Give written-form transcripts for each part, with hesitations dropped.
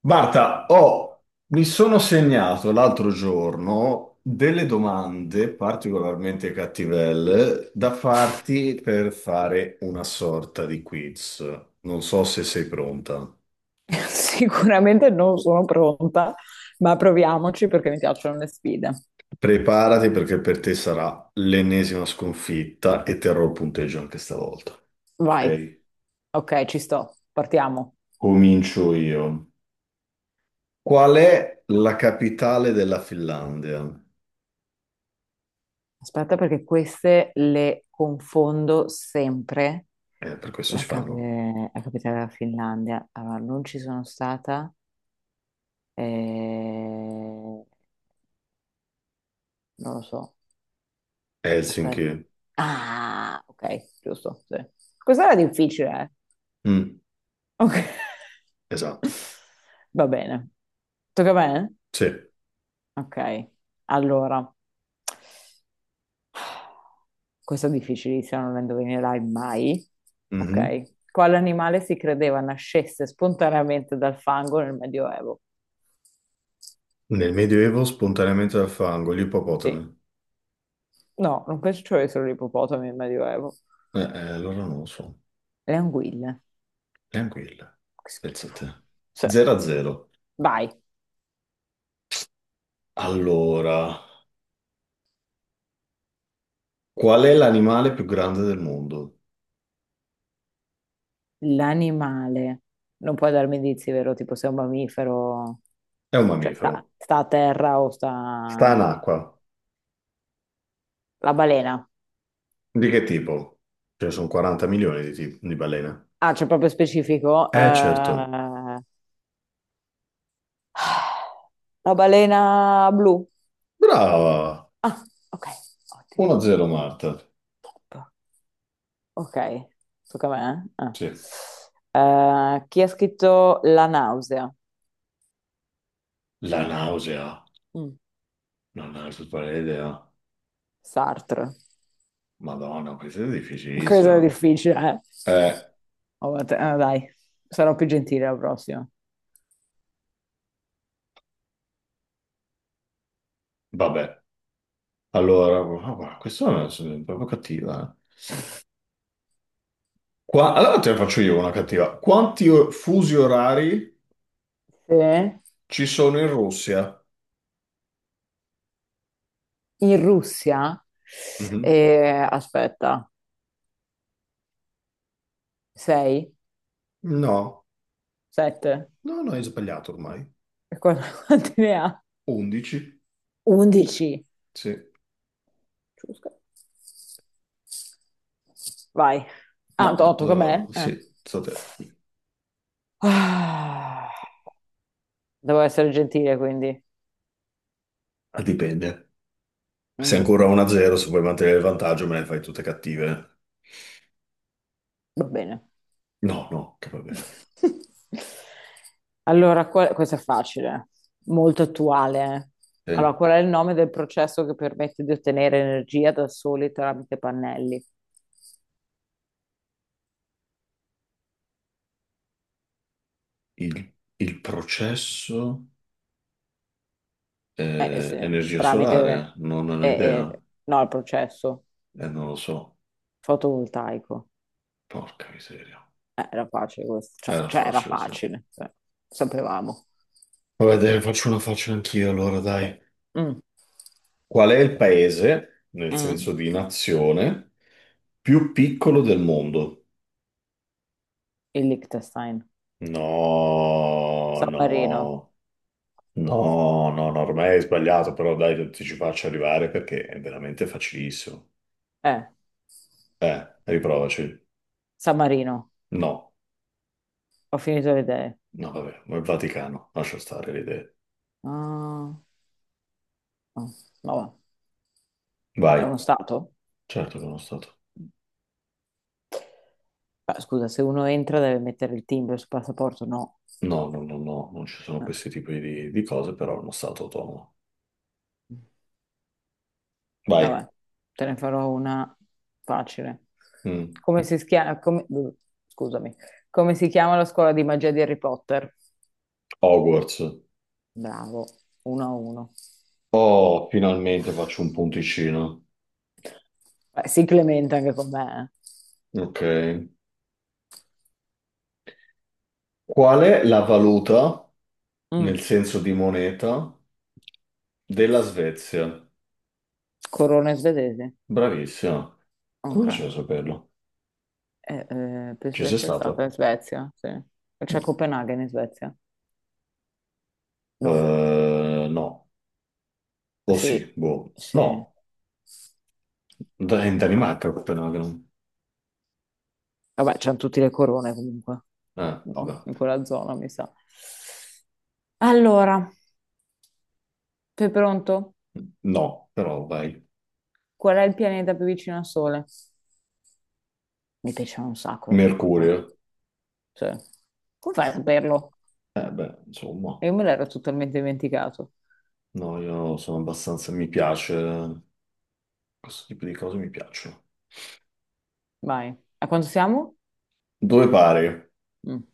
Marta, mi sono segnato l'altro giorno delle domande particolarmente cattivelle da farti per fare una sorta di quiz. Non so se sei pronta. Sicuramente non sono pronta, ma proviamoci perché mi piacciono le sfide. Preparati perché per te sarà l'ennesima sconfitta e terrò il punteggio anche stavolta. Vai. Ok? Ok, ci sto, partiamo. Comincio io. Qual è la capitale della Finlandia? Aspetta perché queste le confondo sempre. Per questo si La, cap- fanno eh, la capitale della Finlandia. Allora, non ci sono stata. eh, Non lo so. Aspetta. Helsinki. Ah, ok, giusto. Sì. Questa era difficile, eh. Mm, Ok. esatto. Va bene. Tocca a me? Sì. Ok, allora, questo è difficilissimo, non lo indovinerai mai. Mhm. Ok, quale animale si credeva nascesse spontaneamente dal fango nel Medioevo? Nel Medioevo spontaneamente dal fango, gli Sì, ippopotami. no, non penso ci fossero solo gli ippopotami nel Medioevo. Eh, allora non lo so, Le anguille, neanche il. che Pensa a schifo. te. Cioè, 0 a 0. vai, Allora, qual è l'animale più grande del mondo? l'animale. Non puoi darmi indizi, vero? Tipo se è un mammifero, È un cioè sta, mammifero. sta a terra o Sta sta... in acqua. La balena. Di che tipo? Ce ne sono 40 milioni di balene. Ah, c'è proprio specifico. Certo. La balena blu. Brava! Ah, ok, ottimo. 1 a 0 Marta. Ok, tocca a me. Eh? Sì. Ah. Chi ha scritto La nausea? La nausea. Mm, Non è super idea. Sartre. Madonna, questa è Questo è difficilissima. difficile, eh? Eh, Oh, vabbè, dai, sarò più gentile la prossima. vabbè. Allora, ah, guarda, è proprio cattiva, eh. Allora te ne faccio io una cattiva. Fusi orari Sì. ci sono in Russia? In Russia, Mhm. Aspetta, 6, No, 7, no, no, hai sbagliato ormai. quanti ne ha? 11? 11. Sì. Giusto. Vai. Ah, No, tocca a dove me? vado? Sì, state... Ah, devo essere gentile, quindi. Ah, dipende. Se è Mm, ancora 1-0, se vuoi mantenere il vantaggio, me le fai tutte cattive. va bene. No, no, che va bene. Allora, questo è facile, molto attuale. Eh. Allora, Eh, qual è il nome del processo che permette di ottenere energia da soli tramite pannelli? il processo Eh, eh, è se- energia tramite... solare? Non ne ho eh, idea. no, il processo Non lo so. fotovoltaico. Porca miseria. Era facile questo, cioè, Era cioè, era facile, sì. facile, cioè, sapevamo. Vabbè, te ne faccio una faccia anch'io, allora, dai. Mm, Qual è il paese, nel mm. senso di nazione, più piccolo del mondo? Il Liechtenstein, No, San Marino, no, no, no, no, ormai hai sbagliato, però dai, ti ci faccio arrivare perché è veramente facilissimo. eh, Riprovaci. San Marino, No, ho finito le idee. no, vabbè, ma il Vaticano, lascia stare le idee. Ah, no, vabbè. Vai. È uno stato? Certo che è uno stato. Beh, scusa, se uno entra deve mettere il timbro sul passaporto, no. No, no, no, no, non ci sono Eh, questi tipi di cose, però è uno stato autonomo. Vai. vabbè, te ne farò una facile. Mm. Come si schia- come- Scusami. Come si chiama la scuola di magia di Harry Potter? Hogwarts. Bravo, uno a uno. Oh, finalmente faccio un punticino. Beh, si clementa anche con me. Ok. Qual è la valuta, eh. nel Mm, senso di moneta, della Svezia? Corona svedese. Bravissima. Come Ok. facevo a saperlo? Penso Ci di sei essere stata stata? in Svezia, sì. C'è No. Copenaghen in Svezia? No, No. O sì, sì, boh. sì. No. In Danimarca, Copenaghen. Vabbè, c'hanno tutte le corone comunque, no? Vabbè. In quella zona, mi sa. Allora, sei pronto? No, però vai. Qual è il pianeta più vicino al Sole? Mi piaceva un sacco da Mercurio. piccola. Sì. Come fai a saperlo? Eh beh, insomma. Io me l'ero totalmente dimenticato. No, io sono abbastanza... Mi piace... questo tipo di cose mi piacciono. Vai. A quanto siamo? Due pari. Mm.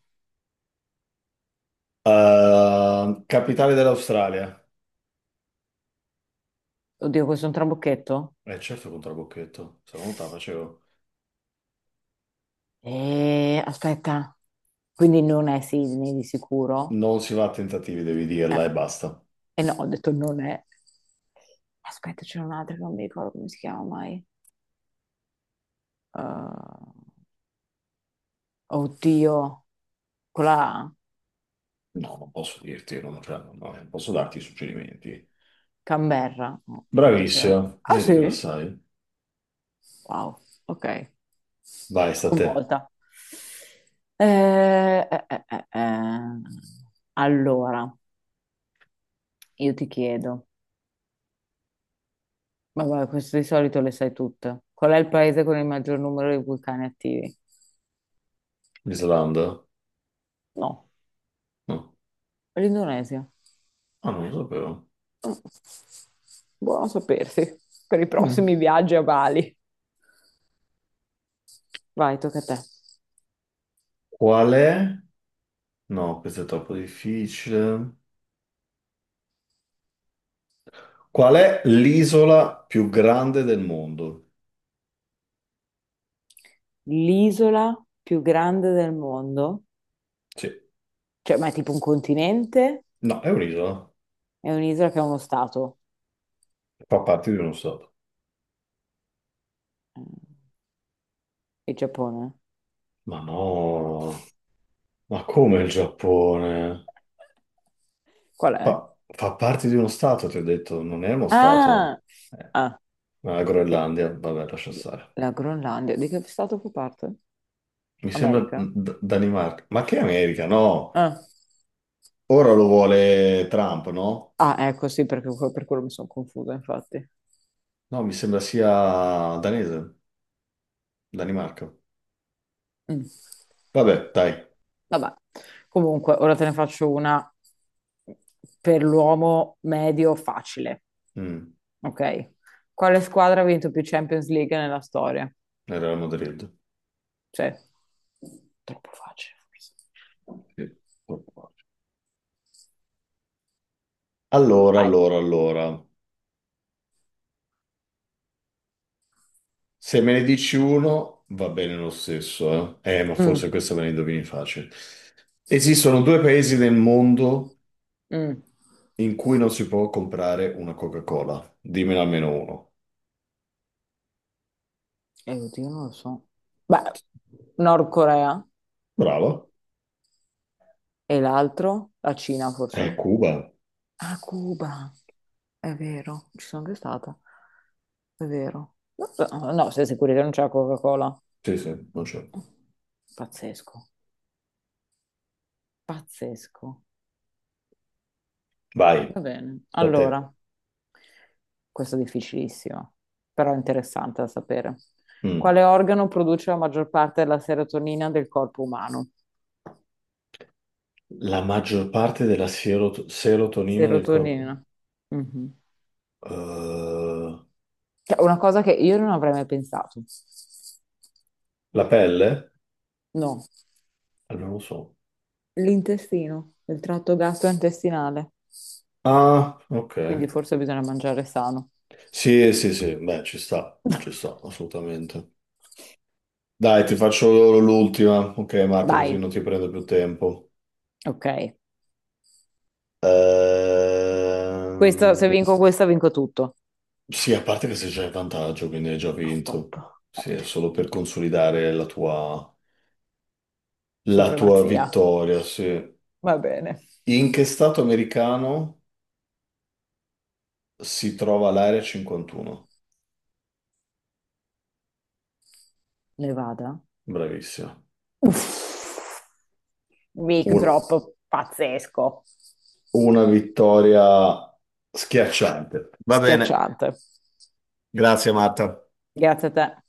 Capitale dell'Australia. Oddio, questo è un trabocchetto? Eh certo contro la Bocchetto, se no non te la facevo. Aspetta, quindi non è Sydney di sicuro? Non si va a tentativi, devi dirla Eh, e basta. eh no, ho detto non è. Aspetta, c'è un'altra che non mi ricordo come si chiama mai. Eh, oddio, quella No, non posso dirti, non, cioè, non- no, non posso darti suggerimenti. Canberra. No, non può essere- Bravissimo, Ah vedi che la sì? sai. Wow, ok. Vai, sta a te. Sconvolta. Eh, eh, eh, eh, eh. Allora, io ti chiedo. Ma guarda, questo di solito le sai tutte. Qual è il paese con il maggior numero di vulcani attivi? Islanda? No, No. l'Indonesia. Ah, non lo sapevo. Mm, buono sapersi per i Mm. prossimi viaggi a Bali. Vai, tocca a te. Qual è? No, questo è troppo difficile. Qual è l'isola più grande del mondo? L'isola più grande del mondo, Sì. cioè, ma è tipo un continente? No, è un'isola. È un'isola che è uno stato. Fa parte di uno stato. Mm, il Giappone. Ma no, ma come il Giappone? Qual è? Fa parte di uno stato, ti ho detto, non è uno stato. Ah, Eh, ah, ma la eh, Groenlandia, vabbè, lascia stare. la Groenlandia. Di che stato fa parte? America? Danimarca. Ma che America? No, Ah, ora lo vuole Trump, no? ah, ecco, sì, perché per quello mi sono confusa, infatti. No, mi sembra sia danese, Danimarca. Mm. Vabbè, dai, Vabbè, comunque, ora te ne faccio una per l'uomo medio facile, mm, ok? Quale squadra ha vinto più Champions League nella storia? era la Madrid. Cioè, troppo facile, forse. Sì. Allora, Vai. allora, allora. Se me ne dici uno, va bene lo stesso, eh? Ma forse Mm, questa me la indovini facile. Esistono due paesi nel mondo mm. in cui non si può comprare una Coca-Cola. Dimmene almeno uno. Oddio, non lo so. Beh, Nord Corea Bravo. e l'altro, la Cina, È forse? Cuba. A Cuba, è vero, ci sono anche stata, è vero. No, no, no, sei sicuri che non c'è la Coca-Cola? Sì, sì, non c'è. Pazzesco. Pazzesco. Vai, Va bene. da te. Allora, questo è difficilissimo, però è interessante da sapere. Mm. Quale organo produce la maggior parte della serotonina del corpo umano? La maggior parte della serotonina del corpo. Serotonina. Mhm. Eh, Cioè, una cosa che io non avrei mai pensato. la pelle? No. Allora, non lo so. L'intestino, il tratto gastrointestinale. Ah, ok. Quindi forse bisogna mangiare sano. Sì, sì, sì, beh, ci sta, assolutamente. Dai, ti faccio l'ultima. Ok, Marta, Dai, così non ti prendo più tempo. ok. Questa, se Ehm, vinco questa, vinco tutto. sì, a parte che se c'è il vantaggio, quindi hai già Oh, top. vinto. Sì, è Ottimo. solo per consolidare la tua Supremazia. vittoria, sì. Va bene. In che stato americano si trova l'area 51? Nevada. Bravissima. Uff. Mic Un- drop pazzesco. una vittoria schiacciante. Va bene, Schiacciante. grazie Marta. Grazie a te.